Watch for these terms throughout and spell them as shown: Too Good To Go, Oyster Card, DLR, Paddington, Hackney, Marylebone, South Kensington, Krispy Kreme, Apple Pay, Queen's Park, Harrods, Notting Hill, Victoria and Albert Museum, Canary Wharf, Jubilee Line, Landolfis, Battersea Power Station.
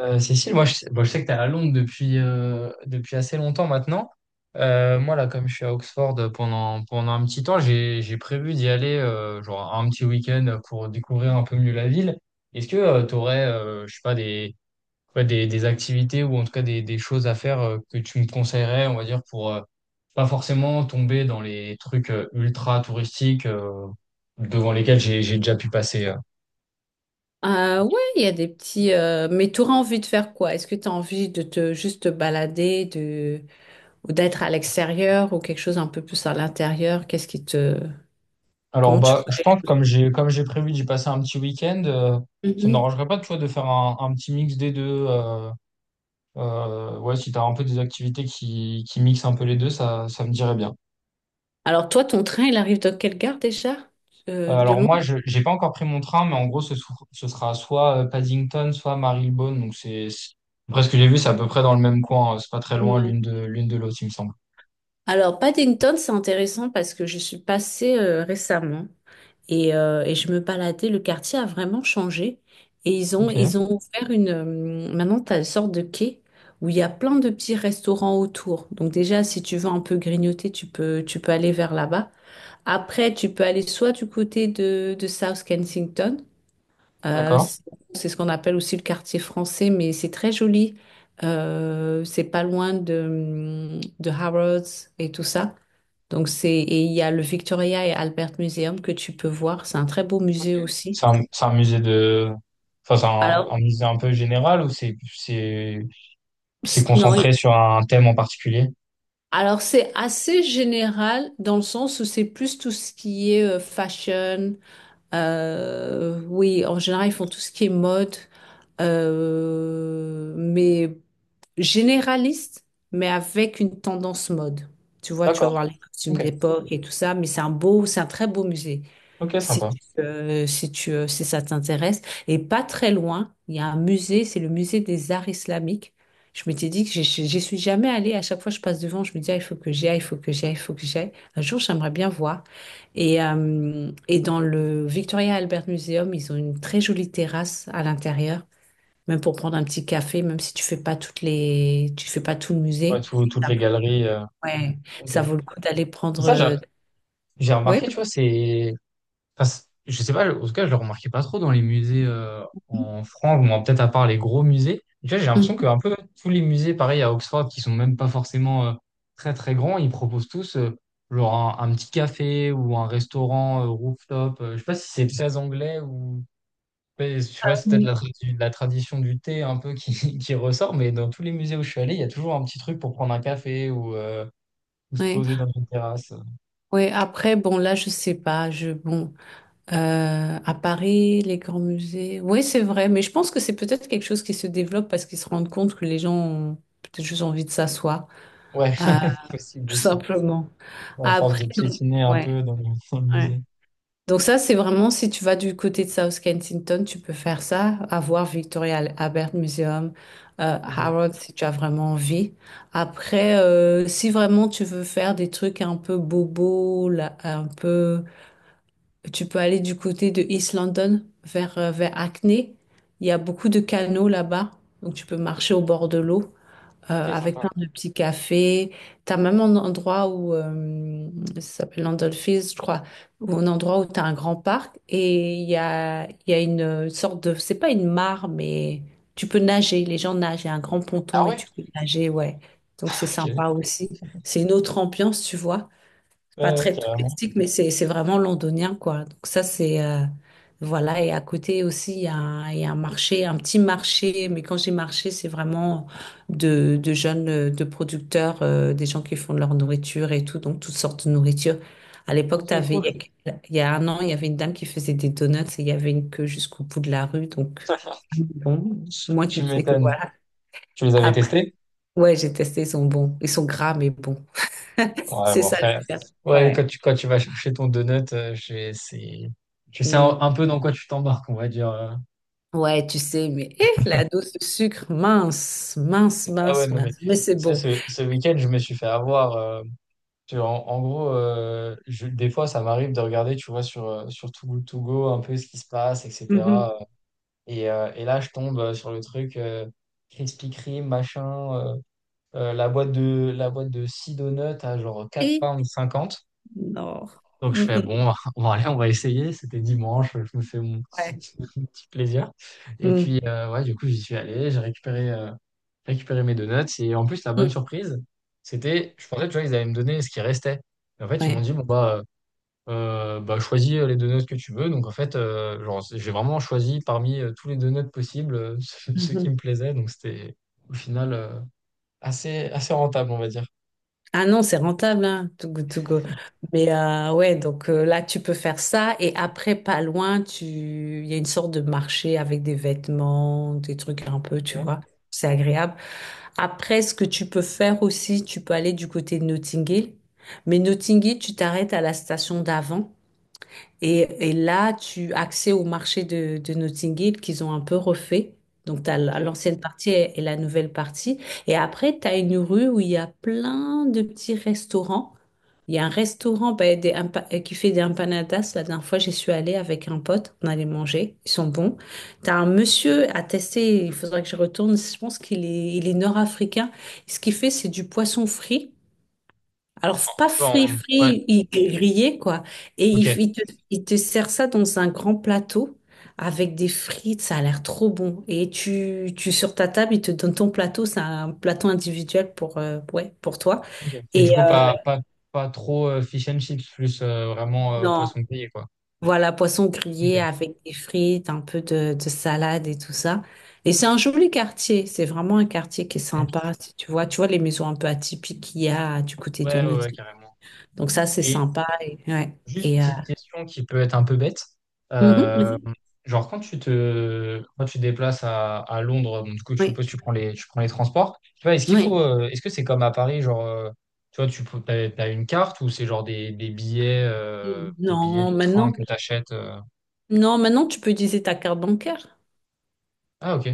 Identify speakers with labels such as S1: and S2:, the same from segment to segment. S1: Cécile, moi je, sais bon, je sais que tu es à Londres depuis assez longtemps maintenant. Moi, là, comme je suis à Oxford pendant un petit temps, j'ai prévu d'y aller genre un petit week-end pour découvrir un peu mieux la ville. Est-ce que tu aurais, je sais pas, ouais, des activités, ou en tout cas des choses à faire que tu me conseillerais, on va dire, pour pas forcément tomber dans les trucs ultra touristiques devant lesquels j'ai déjà pu passer?
S2: Ouais, il y a des petits. Mais tu auras envie de faire quoi? Est-ce que tu as envie de te juste te balader, de ou d'être à l'extérieur ou quelque chose un peu plus à l'intérieur? Qu'est-ce qui te.
S1: Alors
S2: Comment tu
S1: bah je
S2: ferais?
S1: pense, comme j'ai prévu d'y passer un petit week-end, ça ne
S2: Mhm.
S1: m'arrangerait pas, tu vois, de faire un petit mix des deux. Ouais, si tu as un peu des activités qui mixent un peu les deux, ça me dirait bien.
S2: Alors toi, ton train, il arrive dans quelle gare déjà? De
S1: Alors moi,
S2: Londres?
S1: je j'ai pas encore pris mon train, mais en gros, ce sera soit Paddington, soit Marylebone. Donc après ce que j'ai vu, c'est à peu près dans le même coin. C'est pas très loin
S2: Ouais.
S1: l'une de l'autre, il me semble.
S2: Alors Paddington, c'est intéressant parce que je suis passée récemment. Et je me baladais, le quartier a vraiment changé. Et
S1: Ok,
S2: ils ont ouvert une maintenant, tu as une sorte de quai où il y a plein de petits restaurants autour. Donc déjà, si tu veux un peu grignoter, tu peux aller vers là-bas. Après, tu peux aller soit du côté de South Kensington, euh,
S1: d'accord.
S2: c'est c'est ce qu'on appelle aussi le quartier français, mais c'est très joli. C'est pas loin de Harrods et tout ça. Donc c'est, et il y a le Victoria et Albert Museum que tu peux voir. C'est un très beau
S1: Ok.
S2: musée aussi.
S1: C'est un musée de... Enfin, c'est un
S2: Alors,
S1: musée un peu général, ou c'est
S2: c'est- non,
S1: concentré
S2: et-
S1: sur un thème en particulier?
S2: alors c'est assez général dans le sens où c'est plus tout ce qui est fashion. Oui, en général, ils font tout ce qui est mode. Mais généraliste, mais avec une tendance mode. Tu vois, tu vas
S1: D'accord.
S2: voir les costumes
S1: Ok.
S2: d'époque et tout ça, mais c'est un c'est un très beau musée.
S1: Ok, sympa.
S2: Si ça t'intéresse. Et pas très loin, il y a un musée, c'est le musée des arts islamiques. Je m'étais dit que j'y suis jamais allée. À chaque fois que je passe devant, je me dis, ah, il faut que j'y aille, il faut que j'y aille, il faut que j'y aille. Un jour, j'aimerais bien voir. Et dans le Victoria Albert Museum, ils ont une très jolie terrasse à l'intérieur. Même pour prendre un petit café, même si tu fais pas tu fais pas tout le
S1: Ouais,
S2: musée.
S1: toutes
S2: ça-
S1: les galeries.
S2: Ouais,
S1: Ok.
S2: ça vaut le coup d'aller prendre.
S1: Ça, j'a-
S2: euh,
S1: j'ai
S2: Ouais.
S1: remarqué, tu vois. C'est. Enfin, je sais pas, en tout cas, je le remarquais pas trop dans les musées en France, ou moins peut-être, à part les gros musées. Tu vois, j'ai l'impression que
S2: Mhm.
S1: un peu tous les musées, pareil à Oxford, qui sont même pas forcément très très grands, ils proposent tous genre un petit café ou un restaurant rooftop. Je sais pas si c'est très anglais, ou mais je sais c'est peut-être la, la tradition du thé un peu qui, qui ressort, mais dans tous les musées où je suis allé, il y a toujours un petit truc pour prendre un café, ou se
S2: Ouais,
S1: poser dans une terrasse.
S2: ouais. Après, je sais pas. À Paris, les grands musées. Oui, c'est vrai, mais je pense que c'est peut-être quelque chose qui se développe parce qu'ils se rendent compte que les gens ont peut-être juste envie de s'asseoir,
S1: Ouais,
S2: euh,
S1: possible
S2: tout
S1: aussi.
S2: simplement.
S1: À force
S2: Après,
S1: de
S2: donc,
S1: piétiner un
S2: ouais,
S1: peu dans le
S2: ouais.
S1: musée.
S2: Donc ça, c'est vraiment, si tu vas du côté de South Kensington, tu peux faire ça, avoir Victoria Albert Museum,
S1: Ok,
S2: Harrods, si tu as vraiment envie. Si vraiment tu veux faire des trucs un peu bobo, tu peux aller du côté de East London, vers Hackney. Il y a beaucoup de canaux là-bas, donc tu peux marcher au bord de l'eau
S1: ok,
S2: avec plein
S1: sympa.
S2: de petits cafés. Tu as même un endroit où, ça s'appelle Landolfis, je crois, où un endroit où tu as un grand parc et il y a une sorte de, c'est pas une mare, mais tu peux nager, les gens nagent, il y a un grand ponton
S1: Ah
S2: et
S1: ouais?
S2: tu peux nager, ouais. Donc c'est
S1: Ok, ouais,
S2: sympa aussi. C'est une autre ambiance, tu vois pas
S1: ouais,
S2: très
S1: carrément.
S2: touristique, mais c'est vraiment londonien, quoi. Voilà, et à côté aussi, il y a un marché, un petit marché, mais quand j'ai marché, c'est vraiment de jeunes, de producteurs, des gens qui font de leur nourriture et tout, donc toutes sortes de nourriture. À
S1: Ok,
S2: l'époque,
S1: cool.
S2: il y a un an, il y avait une dame qui faisait des donuts et il y avait une queue jusqu'au bout de la rue, donc bon, moi,
S1: Tu
S2: tu sais que
S1: m'étonnes.
S2: voilà.
S1: Tu les avais
S2: Après,
S1: testés?
S2: ouais, j'ai testé, ils sont bons. Ils sont gras, mais bons.
S1: Ouais,
S2: C'est
S1: bon,
S2: ça le
S1: après.
S2: pire.
S1: Ouais,
S2: Ouais.
S1: quand tu vas chercher ton donut, tu sais un,
S2: Mm.
S1: un peu dans quoi tu t'embarques, on va dire.
S2: Ouais, tu sais, mais eh, la dose de sucre, mince, mince,
S1: Ah ouais,
S2: mince,
S1: non, mais
S2: mince. Mais c'est
S1: ça,
S2: bon.
S1: ce, ce week-end, je me suis fait avoir. Tu vois, en gros, des fois, ça m'arrive de regarder, tu vois, sur Too Good To Go, un peu ce qui se passe,
S2: Mhm.
S1: etc. Et là, je tombe sur le truc Krispy Kreme, machin, la boîte de six donuts à genre 4
S2: Et
S1: pounds cinquante,
S2: non.
S1: donc je
S2: Mm,
S1: fais
S2: mm,
S1: bon, bon allez, on va essayer. C'était dimanche, je me fais mon petit,
S2: ouais.
S1: mon petit plaisir. Et
S2: Mm,
S1: puis ouais, du coup j'y suis allé, j'ai récupéré mes donuts. Et en plus, la bonne
S2: mm,
S1: surprise, c'était, je pensais, tu vois, ils allaient me donner ce qui restait. Et en fait ils m'ont
S2: ouais.
S1: dit bon, bah choisis les donuts que tu veux. Donc en fait genre j'ai vraiment choisi parmi tous les donuts possibles ceux
S2: Mhm.
S1: qui me plaisaient. Donc c'était au final assez rentable, on va dire.
S2: Ah non, c'est rentable, hein, to go, to go. Là, tu peux faire ça. Et après, pas loin, tu... il y a une sorte de marché avec des vêtements, des trucs un peu, tu
S1: Ok,
S2: vois. C'est agréable. Après, ce que tu peux faire aussi, tu peux aller du côté de Notting Hill. Mais Notting Hill, tu t'arrêtes à la station d'avant. Et là, tu as accès au marché de Notting Hill qu'ils ont un peu refait. Donc, tu as
S1: ok.
S2: l'ancienne partie et la nouvelle partie. Et après, tu as une rue où il y a plein de petits restaurants. Il y a un restaurant ben, qui fait des empanadas. La dernière fois, j'y suis allée avec un pote. On allait manger. Ils sont bons. Tu as un monsieur à tester. Il faudrait que je retourne. Je pense il est nord-africain. Ce qu'il fait, c'est du poisson frit. Alors, c'est pas frit,
S1: Ouais,
S2: frit, il est grillé, quoi. Et il,
S1: ok.
S2: il te, il te sert ça dans un grand plateau avec des frites, ça a l'air trop bon. Et sur ta table, il te donne ton plateau, c'est un plateau individuel pour, ouais, pour toi.
S1: Ok. Mais du
S2: Et
S1: coup, pas trop fish and chips, plus vraiment
S2: non,
S1: poisson grillé, quoi.
S2: Voilà, poisson grillé
S1: Ok.
S2: avec des frites, un peu de salade et tout ça. Et c'est un joli quartier, c'est vraiment un quartier qui est sympa, si tu vois. Tu vois les maisons un peu atypiques qu'il y a du côté de
S1: Ouais, ouais, ouais,
S2: Nautique.
S1: carrément.
S2: Donc ça, c'est
S1: Et
S2: sympa.
S1: juste une petite question, qui peut être un peu bête.
S2: Mhm.
S1: Euh, genre, quand tu te déplaces à Londres, bon, du coup, je
S2: Oui,
S1: suppose que tu prends les, transports. Tu vois,
S2: oui.
S1: est-ce que c'est comme à Paris, genre, tu vois, t'as une carte, ou c'est genre des billets
S2: Non,
S1: de train
S2: maintenant,
S1: que tu achètes?
S2: non, maintenant tu peux utiliser ta carte bancaire.
S1: Ah, ok.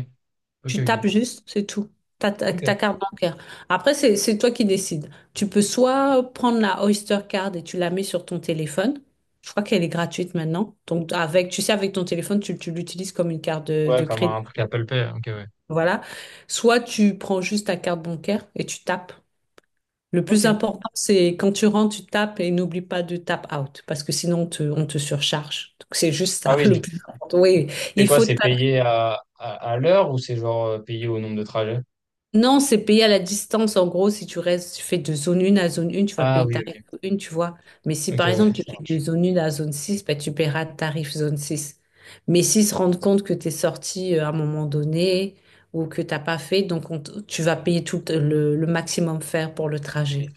S1: Ok,
S2: Tu tapes
S1: ok.
S2: juste, c'est tout. Ta
S1: Ok.
S2: carte bancaire. Après, c'est toi qui décides. Tu peux soit prendre la Oyster Card et tu la mets sur ton téléphone. Je crois qu'elle est gratuite maintenant. Donc, avec, tu sais, avec ton téléphone, tu l'utilises comme une carte
S1: Ouais,
S2: de
S1: comme
S2: crédit.
S1: un truc Apple Pay. Ok, ouais.
S2: Voilà. Soit tu prends juste ta carte bancaire et tu tapes. Le
S1: Ok.
S2: plus important, c'est quand tu rentres, tu tapes et n'oublie pas de tap out parce que sinon on te surcharge. Donc c'est juste
S1: Ah
S2: ça, le
S1: oui,
S2: plus important. Oui,
S1: c'est
S2: il
S1: quoi?
S2: faut
S1: C'est
S2: taper.
S1: payé à l'heure, ou c'est genre payé au nombre de trajets?
S2: Non, c'est payer à la distance. En gros, si tu restes, tu fais de zone 1 à zone 1, tu vas
S1: Ah
S2: payer
S1: oui,
S2: tarif
S1: ok.
S2: 1, tu vois. Mais si
S1: Ok,
S2: par
S1: ouais,
S2: exemple tu
S1: ça
S2: fais de
S1: marche.
S2: zone 1 à zone 6 ben, tu paieras tarif zone six. Mais s'ils se rendent compte que tu es sorti à un moment donné ou que tu n'as pas fait, donc tu vas payer tout le maximum faire pour le
S1: Oui,
S2: trajet.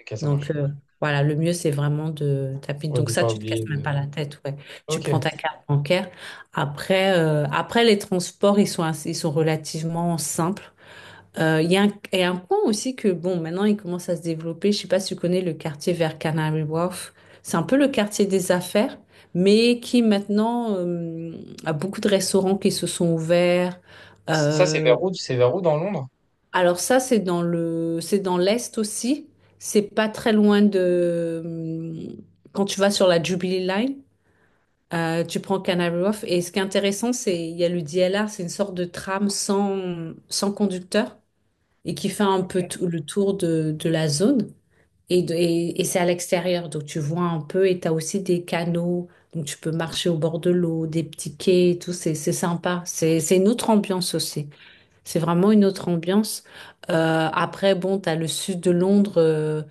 S1: ok, ça
S2: Donc
S1: marche.
S2: euh, voilà, le mieux c'est vraiment de taper.
S1: Ouais,
S2: Donc
S1: de
S2: ça,
S1: pas
S2: tu te
S1: oublier
S2: casses
S1: de...
S2: même pas la tête, ouais. Tu prends
S1: Ok.
S2: ta carte bancaire. Après les transports, ils sont relativement simples. Il y a un, et un point aussi que bon, maintenant il commence à se développer. Je sais pas si tu connais le quartier vers Canary Wharf. C'est un peu le quartier des affaires, mais qui maintenant a beaucoup de restaurants qui se sont ouverts.
S1: Ça, c'est
S2: Euh,
S1: vers où? C'est vers où dans Londres?
S2: alors ça, c'est dans le, c'est dans l'Est aussi. C'est pas très loin de... Quand tu vas sur la Jubilee Line, tu prends Canary Wharf. Et ce qui est intéressant, c'est il y a le DLR, c'est une sorte de tram sans conducteur et qui fait un
S1: Ok.
S2: peu tout le tour de la zone. Et c'est à l'extérieur, donc tu vois un peu. Et tu as aussi des canaux, donc tu peux marcher au bord de l'eau, des petits quais, et tout. C'est sympa. C'est une autre ambiance aussi. C'est vraiment une autre ambiance. T'as le sud de Londres,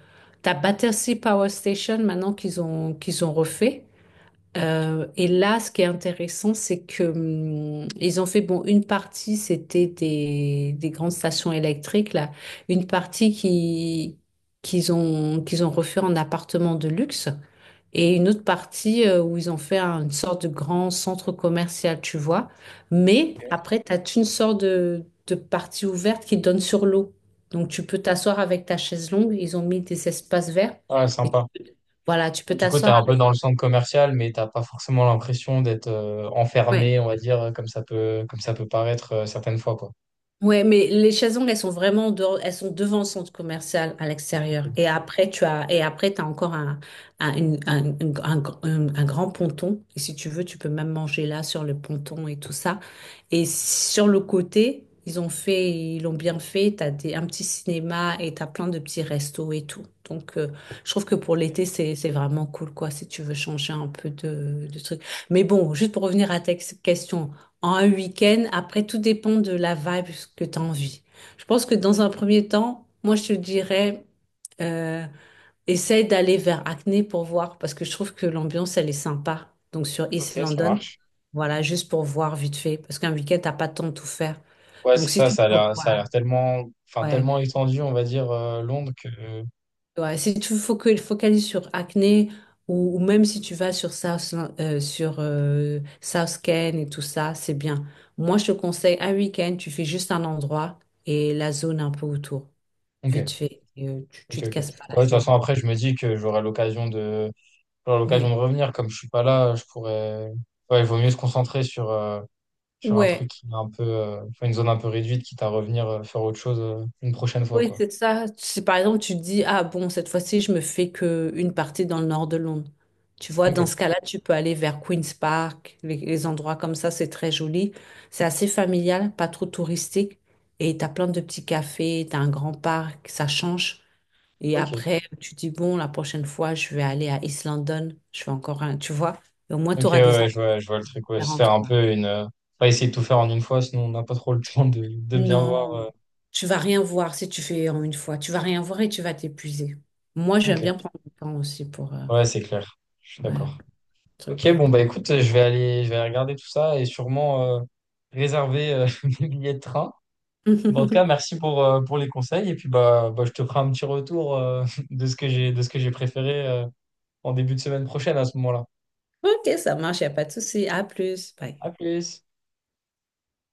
S2: t'as Battersea Power Station maintenant qu'ils ont refait. Et là, ce qui est intéressant, c'est que ils ont fait bon une partie, c'était des grandes stations électriques là, une partie qui qu'ils ont refait en appartements de luxe et une autre partie où ils ont fait une sorte de grand centre commercial, tu vois. Mais
S1: Ok.
S2: après, tu as une sorte de partie ouverte qui donne sur l'eau. Donc, tu peux t'asseoir avec ta chaise longue. Ils ont mis des espaces verts.
S1: Ah,
S2: Et tu
S1: sympa.
S2: peux- voilà, tu peux
S1: Du coup, t'es
S2: t'asseoir
S1: un peu
S2: avec.
S1: dans le centre commercial, mais t'as pas forcément l'impression d'être enfermé,
S2: Ouais.
S1: on va dire, comme ça peut paraître certaines fois, quoi.
S2: Ouais, mais les chaises longues, elles sont vraiment dehors- elles sont devant le centre commercial à
S1: Ok.
S2: l'extérieur. Et après, t'as encore un, une- un, une- un gr- un grand ponton. Et si tu veux, tu peux même manger là sur le ponton et tout ça. Et sur le côté, ils l'ont bien fait. Un petit cinéma et t'as plein de petits restos et tout. Donc, euh, je trouve que pour l'été, c'est vraiment cool, quoi, si tu veux changer un peu de truc. Mais bon, juste pour revenir à ta question en un week-end. Après, tout dépend de la vibe que tu as envie. Je pense que dans un premier temps, moi, je te dirais, euh, essaye d'aller vers Acne pour voir, parce que je trouve que l'ambiance, elle est sympa. Donc, sur East
S1: Ok, ça
S2: London,
S1: marche.
S2: voilà, juste pour voir vite fait, parce qu'un week-end, t'as pas le temps de tout faire.
S1: Ouais,
S2: Donc,
S1: c'est
S2: si
S1: ça,
S2: tu
S1: ça a
S2: trouves,
S1: l'air, ça a
S2: voilà,
S1: l'air tellement, enfin,
S2: ouais.
S1: tellement étendu, on va dire, Londres, que...
S2: Ouais, si tu focalises sur acné ou même si tu vas sur South Ken et tout ça, c'est bien. Moi, je te conseille un week-end, tu fais juste un endroit et la zone un peu autour,
S1: Ok.
S2: vite fait. Et tu
S1: Ok,
S2: te
S1: ok. Ouais,
S2: casses pas la
S1: de toute
S2: tête.
S1: façon, après, je me dis que j'aurai l'occasion de, j'aurai l'occasion
S2: Oui.
S1: de revenir. Comme je suis pas là, je pourrais. Ouais, il vaut mieux se concentrer sur un truc
S2: Ouais,
S1: qui est un peu, enfin, une zone un peu réduite, quitte à revenir faire autre chose une prochaine fois,
S2: Oui,
S1: quoi.
S2: c'est ça. Si par exemple tu te dis, ah bon, cette fois-ci, je me fais que une partie dans le nord de Londres. Tu vois,
S1: Ok,
S2: dans ce cas-là, tu peux aller vers Queen's Park, les endroits comme ça, c'est très joli. C'est assez familial, pas trop touristique. Et t'as plein de petits cafés, t'as un grand parc, ça change. Et
S1: ok.
S2: après, tu dis, bon, la prochaine fois, je vais aller à East London. Je fais encore un, tu vois. Et au moins, tu
S1: Ok,
S2: auras
S1: ouais,
S2: des
S1: ouais,
S2: envies
S1: je vois le truc. Ouais, se
S2: différentes,
S1: faire un
S2: quoi.
S1: peu pas essayer de tout faire en une fois, sinon on n'a pas trop le temps de bien voir.
S2: Non, tu vas rien voir si tu fais en une fois. Tu vas rien voir et tu vas t'épuiser. Moi, j'aime
S1: Ok.
S2: bien prendre le temps aussi pour
S1: Ouais, c'est clair. Je suis
S2: ouais,
S1: d'accord.
S2: truc.
S1: Ok,
S2: Quoi.
S1: bon, bah
S2: Bon.
S1: écoute, je vais aller regarder tout ça, et sûrement réserver mes billets de train. Bon, en tout cas, merci pour les conseils. Et puis, bah, je te ferai un petit retour de ce que j'ai préféré en début de semaine prochaine, à ce moment-là.
S2: Ok, ça marche, il a pas de souci. À plus. Bye.
S1: À plus!